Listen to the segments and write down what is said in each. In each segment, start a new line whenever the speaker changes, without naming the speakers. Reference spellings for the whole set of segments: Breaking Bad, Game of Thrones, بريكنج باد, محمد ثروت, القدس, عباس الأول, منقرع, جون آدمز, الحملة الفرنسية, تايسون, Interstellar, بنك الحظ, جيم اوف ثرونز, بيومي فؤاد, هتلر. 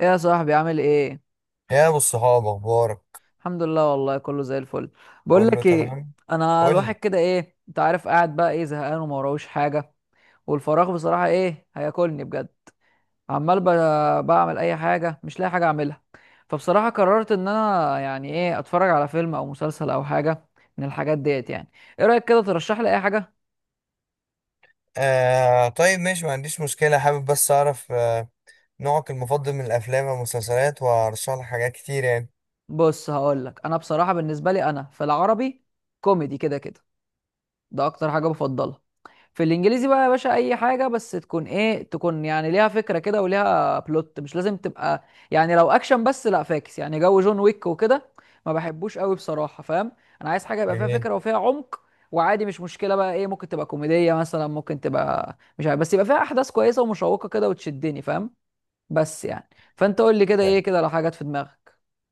ايه يا صاحبي عامل ايه؟
يا ابو الصحاب، اخبارك؟
الحمد لله، والله كله زي الفل. بقول
قول له
لك ايه.
تمام.
انا
قول
الواحد
لي.
كده ايه انت عارف قاعد بقى ايه زهقان وما وراهوش حاجه. والفراغ بصراحه ايه هياكلني بجد. عمال بعمل اي حاجه مش لاقي حاجه اعملها. فبصراحه قررت ان انا يعني ايه اتفرج على فيلم او مسلسل او حاجه من الحاجات ديت يعني. ايه رايك كده ترشح لي اي حاجه؟
آه، طيب، ماشي، ما عنديش مشكله، حابب بس اعرف نوعك المفضل من الافلام والمسلسلات، وارشح لك حاجات كتير يعني.
بص هقول لك، انا بصراحه بالنسبه لي انا في العربي كوميدي كده كده، ده اكتر حاجه بفضلها. في الانجليزي بقى يا باشا اي حاجه بس تكون ايه تكون يعني ليها فكره كده وليها بلوت، مش لازم تبقى يعني لو اكشن بس لا فاكس، يعني جو جون ويك وكده ما بحبوش قوي بصراحه، فاهم؟ انا عايز حاجه يبقى فيها
جميل.
فكره وفيها عمق. وعادي مش مشكله بقى ايه، ممكن تبقى كوميديه مثلا، ممكن تبقى مش عارف، بس يبقى فيها احداث كويسه ومشوقه كده وتشدني، فاهم؟ بس يعني، فانت قول لي كده ايه
آه،
كده لو حاجات في دماغك.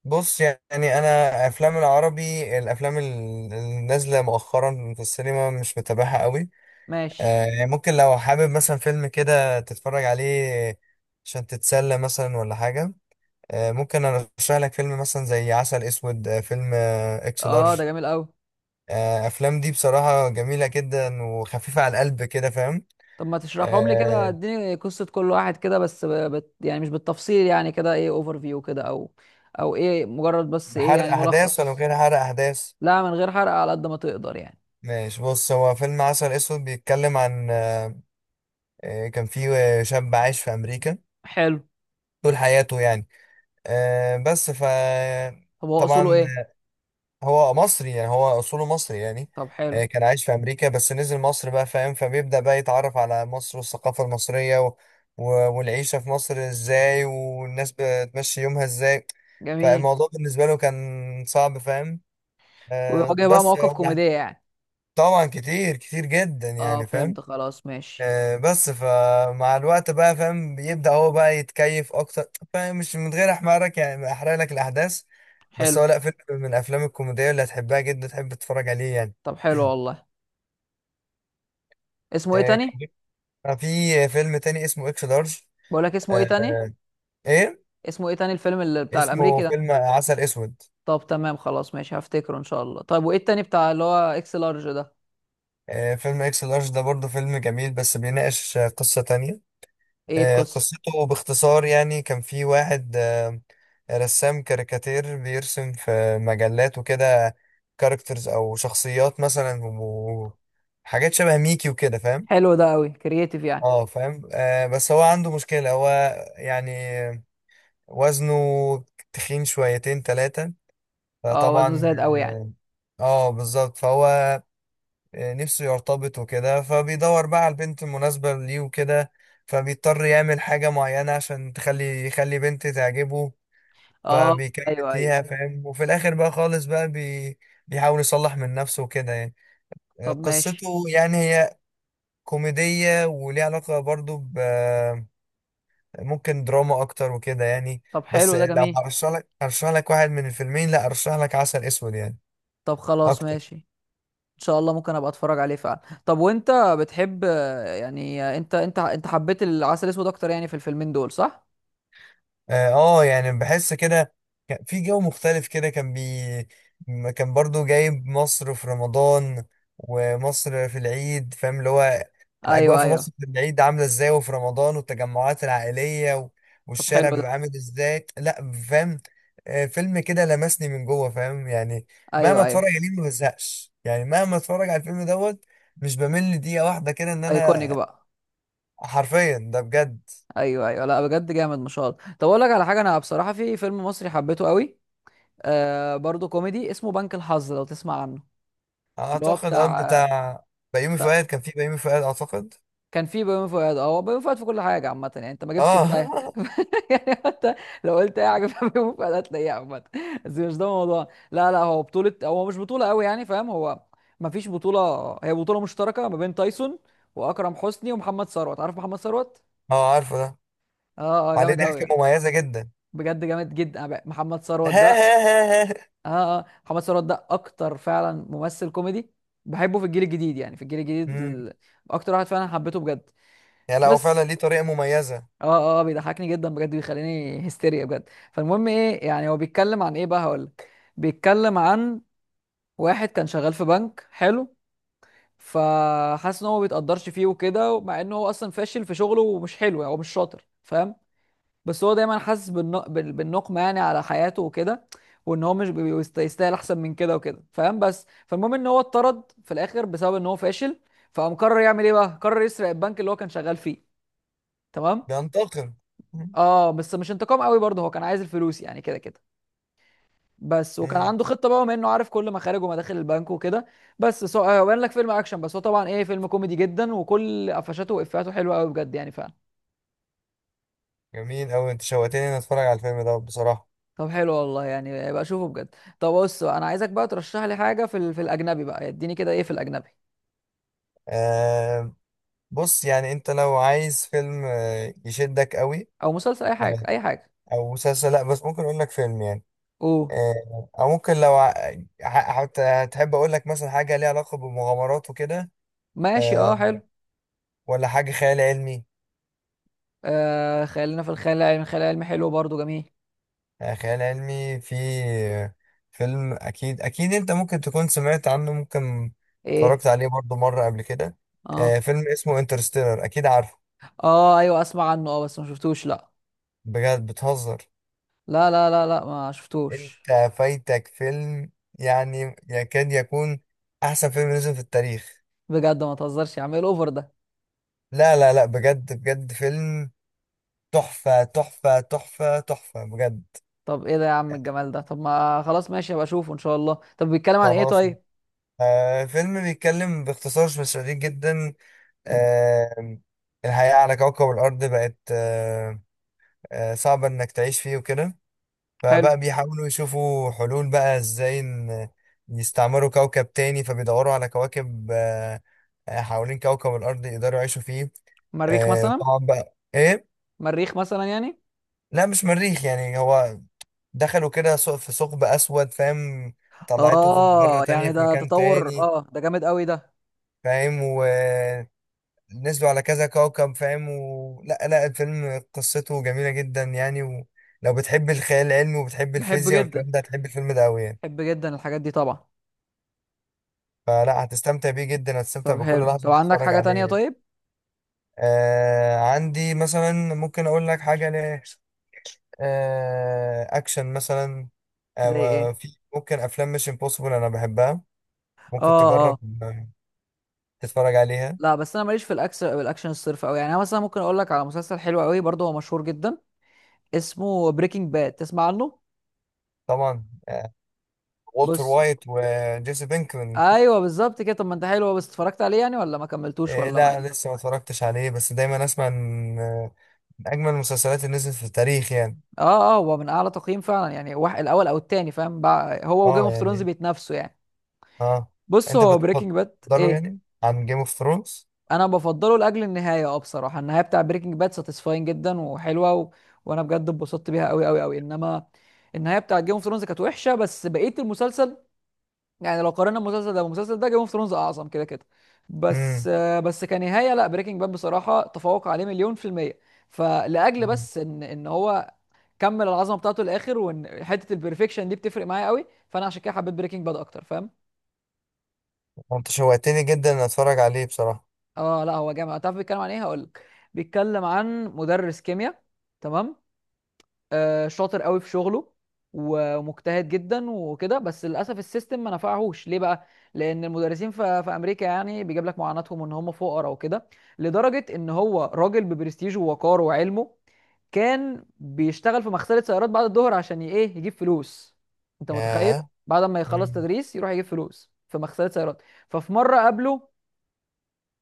بص يعني انا افلام العربي، الافلام النازله مؤخرا في السينما مش متابعها قوي.
ماشي.
يعني ممكن لو حابب مثلا فيلم كده تتفرج عليه عشان تتسلى مثلا ولا حاجه. ممكن ارشح لك فيلم مثلا زي عسل اسود، فيلم اكس
اه،
لارج.
ده جميل قوي.
افلام دي بصراحه جميله جدا وخفيفه على القلب كده فاهم.
طب ما تشرحهم لي كده،
أه
اديني قصة كل واحد كده بس يعني مش بالتفصيل، يعني كده ايه اوفر فيو كده، او او ايه مجرد بس ايه
حرق
يعني
احداث ولا من
ملخص.
غير حرق احداث؟
لا من غير حرق على قد ما تقدر يعني.
ماشي. بص، هو فيلم عسل اسود بيتكلم عن كان في شاب عايش في امريكا
حلو.
طول حياته يعني. أه بس ف
طب هو اصوله
طبعا
ايه؟
هو مصري يعني، هو اصوله مصري يعني.
طب حلو.
كان عايش في امريكا بس نزل مصر بقى فاهم. فبيبدأ بقى يتعرف على مصر والثقافة المصرية و... والعيشة في مصر ازاي والناس بتمشي يومها ازاي.
جميل.
فالموضوع بالنسبة له كان صعب فاهم.
ويواجه بقى
بس
مواقف
هو
كوميدية يعني.
طبعا كتير كتير جدا
اه،
يعني فاهم.
فهمت خلاص ماشي.
بس فمع الوقت بقى فاهم بيبدأ هو بقى يتكيف اكتر فاهم، مش من غير احمرك يعني، ما احرق لك الاحداث. بس
حلو.
هو لا، فيلم من الافلام الكوميديه اللي هتحبها جدا، تحب تتفرج عليه يعني.
طب حلو والله. اسمه ايه تاني؟
كان في فيلم تاني اسمه اكس لارج.
بقول لك اسمه ايه
آه،
تاني.
ايه،
اسمه ايه تاني الفيلم اللي بتاع
اسمه
الامريكي ده؟
فيلم عسل اسود.
طب تمام، خلاص ماشي هفتكره ان شاء الله. طيب وايه التاني بتاع اللي هو اكس لارج ده؟
فيلم اكس لارج ده برضه فيلم جميل، بس بيناقش قصه تانية.
ايه القصة؟
قصته باختصار يعني، كان في واحد رسام كاريكاتير بيرسم في مجلات وكده، كاركترز او شخصيات مثلا، وحاجات شبه ميكي وكده فاهم.
حلو، ده قوي كرييتيف يعني.
اه فاهم. بس هو عنده مشكلة، هو يعني وزنه تخين شويتين تلاتة.
اه، وزنه
فطبعا
زايد قوي يعني.
اه، بالظبط. فهو نفسه يرتبط وكده، فبيدور بقى على البنت المناسبة ليه وكده. فبيضطر يعمل حاجة معينة عشان تخلي يخلي بنت تعجبه.
اه،
فبيكمل
ايوه ايوه.
فيها فاهم، وفي الآخر بقى خالص بقى بيحاول يصلح من نفسه وكده يعني.
طب ماشي.
قصته يعني هي كوميدية، وليها علاقة برضو ب ممكن دراما أكتر وكده يعني.
طب
بس
حلو ده
لو
جميل.
هرشح لك، هرشح لك واحد من الفيلمين، لا أرشح لك عسل أسود يعني
طب خلاص
أكتر.
ماشي ان شاء الله ممكن ابقى اتفرج عليه فعلا. طب وانت بتحب يعني انت حبيت العسل الاسود اكتر يعني في الفيلمين دول، صح؟
اه، يعني بحس كده كان في جو مختلف كده، كان برضو جايب مصر في رمضان، ومصر في العيد فاهم، اللي هو الأجواء
ايوه
في
ايوه.
مصر في العيد عاملة ازاي، وفي رمضان والتجمعات العائلية، و-
طب حلو
والشارع
ده.
بيبقى عامل ازاي لا فاهم. فيلم كده لمسني من جوه فاهم يعني. مهما
ايوه
اتفرج
ايوه.
عليه ما بزهقش يعني، مهما اتفرج على الفيلم دوت مش بمل دقيقة واحدة كده، ان
ايكونيك
انا
بقى.
حرفيا ده بجد.
ايوه ايوه، لا بجد جامد ما شاء الله. طب اقول لك على حاجه، انا بصراحه في فيلم مصري حبيته قوي، آه برضه كوميدي اسمه بنك الحظ، لو تسمع عنه. اللي هو
اعتقد اه،
بتاع
بتاع بيومي فؤاد، كان في بيومي فؤاد اعتقد.
كان في بيومي فؤاد، اه هو بيومي فؤاد في كل حاجه عامه يعني، انت ما جبتش
اه.
التايه. يعني حتى لو قلت اي حاجه في بيومي فؤاد هتلاقيها عامه. بس مش ده الموضوع، لا لا، هو بطوله، هو مش بطوله قوي يعني، فاهم؟ هو ما فيش بطوله. هي بطوله مشتركه ما بين تايسون واكرم حسني ومحمد ثروت، عارف محمد ثروت؟
اه، عارفه ده،
اه اه
عليه
جامد قوي
ضحكه
ده.
مميزه جدا.
بجد جامد جدا، أنا محمد ثروت ده، اه اه محمد ثروت ده اكتر فعلا ممثل كوميدي بحبه في الجيل الجديد، يعني في الجيل الجديد
امم.
اكتر واحد فعلا حبيته بجد.
يعني لا، هو فعلا
بس
ليه طريقه مميزه.
اه اه بيضحكني جدا بجد، بيخليني هستيريا بجد. فالمهم ايه يعني هو بيتكلم عن ايه بقى هقولك. بيتكلم عن واحد كان شغال في بنك، حلو، فحاسس ان هو ما بيتقدرش فيه وكده، مع ان هو اصلا فاشل في شغله ومش حلو يعني، هو مش شاطر، فاهم؟ بس هو دايما حاسس بالنقمه يعني على حياته وكده، وان هو مش يستاهل احسن من كده وكده، فاهم؟ بس فالمهم ان هو اتطرد في الاخر بسبب ان هو فاشل. فقام قرر يعمل ايه بقى، قرر يسرق البنك اللي هو كان شغال فيه. تمام.
بينتقم.
اه، بس مش انتقام قوي برضه، هو كان عايز الفلوس يعني كده كده بس، وكان
امم.
عنده خطه بقى بما انه عارف كل مخارج ومداخل البنك وكده. بس سو... آه، بان لك فيلم اكشن بس هو طبعا ايه، فيلم كوميدي جدا، وكل قفشاته وافاته حلوه قوي بجد يعني فعلا.
جميل قوي، انت شوقتني اني اتفرج على الفيلم ده بصراحه.
طب حلو والله، يعني بقى اشوفه بجد. طب بص بقى، انا عايزك بقى ترشح لي حاجه في الاجنبي بقى، اديني كده ايه في الاجنبي.
آه بص، يعني انت لو عايز فيلم يشدك قوي.
او مسلسل اي حاجه
آه،
اي حاجه.
او مسلسل، لا بس ممكن اقول لك فيلم يعني.
اوه.
او ممكن لو هتحب اقول لك مثلا حاجه ليها علاقه بالمغامرات وكده.
ماشي اه
آه،
حلو.
ولا حاجة خيال علمي.
آه خلينا في الخيال العلمي، الخيال العلمي حلو برضه جميل.
خيال علمي في آه، فيلم، أكيد أكيد أنت ممكن تكون سمعت عنه، ممكن
ايه.
اتفرجت عليه برضو مرة قبل كده.
اه
فيلم اسمه انترستيلر، أكيد عارفه.
اه ايوه اسمع عنه، اه بس ما شفتوش، لا.
بجد بتهزر؟
لا لا لا لا ما شفتوش.
أنت فايتك فيلم يعني يكاد يكون أحسن فيلم نزل في التاريخ.
بجد ما تهزرش يا عم، ايه الاوفر ده؟
لا لا لا، بجد بجد، فيلم تحفة تحفة تحفة تحفة بجد.
طب ايه ده يا عم الجمال ده، طب ما خلاص ماشي هبقى اشوفه ان شاء الله، طب بيتكلم عن ايه
خلاص.
طيب؟
فيلم بيتكلم باختصار شديد جدا. آم، الحياة على كوكب الأرض بقت صعبة إنك تعيش فيه وكده.
حلو.
فبقى بيحاولوا يشوفوا حلول بقى إزاي إن يستعمروا كوكب تاني، فبيدوروا على كواكب حوالين كوكب الأرض يقدروا يعيشوا فيه.
مريخ مثلا.
طبعا بقى إيه؟
مريخ مثلا يعني.
لا مش مريخ يعني، هو دخلوا كده في ثقب أسود فاهم، طلعته في مجرة
اه
تانية
يعني
في
ده
مكان
تطور،
تاني
اه ده جامد قوي ده.
فاهم. نزلوا على كذا كوكب فاهم لا لا، الفيلم قصته جميلة جدا يعني. ولو بتحب الخيال العلمي وبتحب
بحب
الفيزياء
جدا،
والكلام ده، هتحب الفيلم ده أوي يعني.
بحب جدا الحاجات دي طبعا.
فلا، هتستمتع بيه جدا، هتستمتع
طب
بكل
حلو،
لحظة
طب
وأنت
عندك
بتتفرج
حاجة
عليه
تانية
يعني.
طيب؟
عندي مثلا، ممكن أقول لك حاجة ل آه أكشن مثلا.
زي ايه؟
في ممكن أفلام مش امبوسيبل أنا بحبها.
اه
ممكن
اه.
تجرب تتفرج عليها.
لا بس انا ماليش في الاكشن، الاكشن الصرف قوي يعني، انا مثلا ممكن اقول لك على مسلسل حلو قوي برضه، هو مشهور جدا، اسمه بريكنج باد، تسمع عنه؟
طبعا. والتر
بص.
وايت وجيسي بينكمان.
ايوه بالظبط كده، طب ما انت حلو، هو بس اتفرجت عليه يعني ولا ما كملتوش
إيه،
ولا ما
لا
ايه؟
لسه ما اتفرجتش عليه، بس دايما اسمع ان من اجمل المسلسلات اللي نزلت في التاريخ يعني.
اه اه، هو من اعلى تقييم فعلا يعني، واحد الاول او التاني، فاهم بقى؟ هو وجيم
اه
اوف ثرونز
يعني
بيتنافسوا يعني.
اه.
بص
انت
هو بريكنج باد
بتفضله
ايه،
يعني عن جيم اوف ثرونز؟
انا بفضله لاجل النهايه، اه بصراحه النهايه بتاع بريكنج باد ساتيسفاين جدا وحلوه و... وانا بجد اتبسطت بيها قوي قوي قوي، انما النهايه بتاع جيم اوف ثرونز كانت وحشه، بس بقيه المسلسل يعني لو قارنا المسلسل ده بالمسلسل ده، جيم اوف ثرونز اعظم كده كده، بس
امم.
بس كنهايه لا، بريكنج باد بصراحه تفوق عليه مليون في الميه. فلاجل بس ان هو كمل العظمه بتاعته للاخر، وان حته البرفكشن دي بتفرق معايا قوي، فانا عشان كده حبيت بريكنج باد اكتر، فاهم؟
انت شوقتني جدا ان اتفرج عليه بصراحة.
اه لا هو جامد، تعرف بيتكلم عن ايه؟ هقول لك. بيتكلم عن مدرس كيمياء، تمام، شاطر قوي في شغله ومجتهد جدا وكده، بس للاسف السيستم ما نفعهوش ليه بقى، لان المدرسين في امريكا يعني بيجيب لك معاناتهم ان هم فقراء وكده، لدرجه ان هو راجل ببرستيجه ووقاره وعلمه كان بيشتغل في مغسله سيارات بعد الظهر عشان ي- ايه يجيب فلوس. انت متخيل؟
ياه.
بعد ما يخلص
امم.
تدريس يروح يجيب فلوس في مغسله سيارات. ففي مره قابله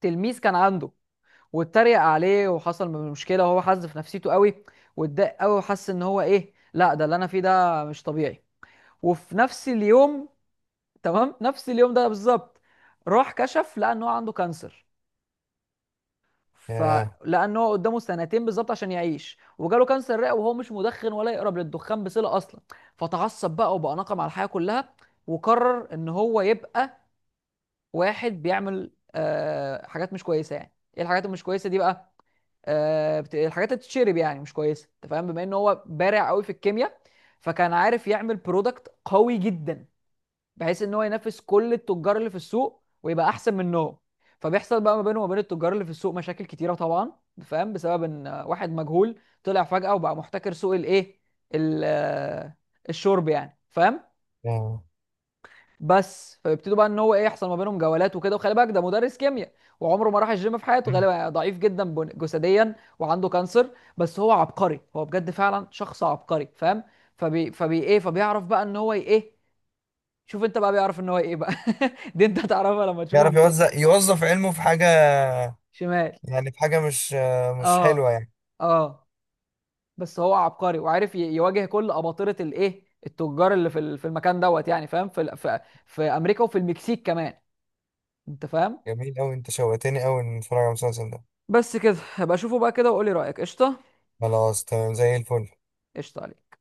تلميذ كان عنده، واتريق عليه وحصل مشكله، وهو حز في نفسيته قوي، واتضايق قوي، وحس ان هو ايه، لا ده اللي انا فيه ده مش طبيعي. وفي نفس اليوم، تمام، نفس اليوم ده بالظبط راح كشف لقى ان هو عنده كانسر،
ياه.
فلان هو قدامه سنتين بالظبط عشان يعيش وجاله كانسر رئه، وهو مش مدخن ولا يقرب للدخان بصله اصلا. فتعصب بقى وبقى ناقم على الحياه كلها، وقرر ان هو يبقى واحد بيعمل آه حاجات مش كويسه، يعني ايه الحاجات المش كويسه دي بقى، الحاجات اللي بتتشرب يعني مش كويسه، انت فاهم، بما ان هو بارع قوي في الكيمياء، فكان عارف يعمل برودكت قوي جدا، بحيث ان هو ينافس كل التجار اللي في السوق ويبقى احسن منهم. فبيحصل بقى ما بينه وما بين التجار اللي في السوق مشاكل كتيره طبعا، فاهم؟ بسبب ان واحد مجهول طلع فجأة وبقى محتكر سوق الايه ال- آه، الشرب يعني، فاهم؟
ياه.
بس فيبتدوا بقى ان هو ايه يحصل ما بينهم جولات وكده، وخلي بالك ده مدرس كيمياء وعمره ما راح الجيم في حياته
مم.
غالبا، ضعيف جدا جسديا وعنده كانسر. بس هو عبقري، هو بجد فعلا شخص عبقري، فاهم؟ فبيعرف بقى ان هو ايه، شوف انت بقى بيعرف ان هو ايه بقى. دي انت هتعرفها لما تشوف
يعرف
المسلسل.
يوزع يوظف علمه في حاجة،
شمال.
يعني في حاجة مش مش
اه
حلوة يعني.
اه. بس هو عبقري وعارف يواجه كل اباطره الايه التجار اللي في المكان دوت يعني، فاهم؟ في في امريكا وفي المكسيك كمان، انت فاهم؟
جميل قوي، انت شوقتني قوي ان اتفرج على المسلسل ده.
بس كده هبقى اشوفه بقى كده وقولي رأيك، قشطة.
خلاص تمام زي الفل.
قشطة عليك.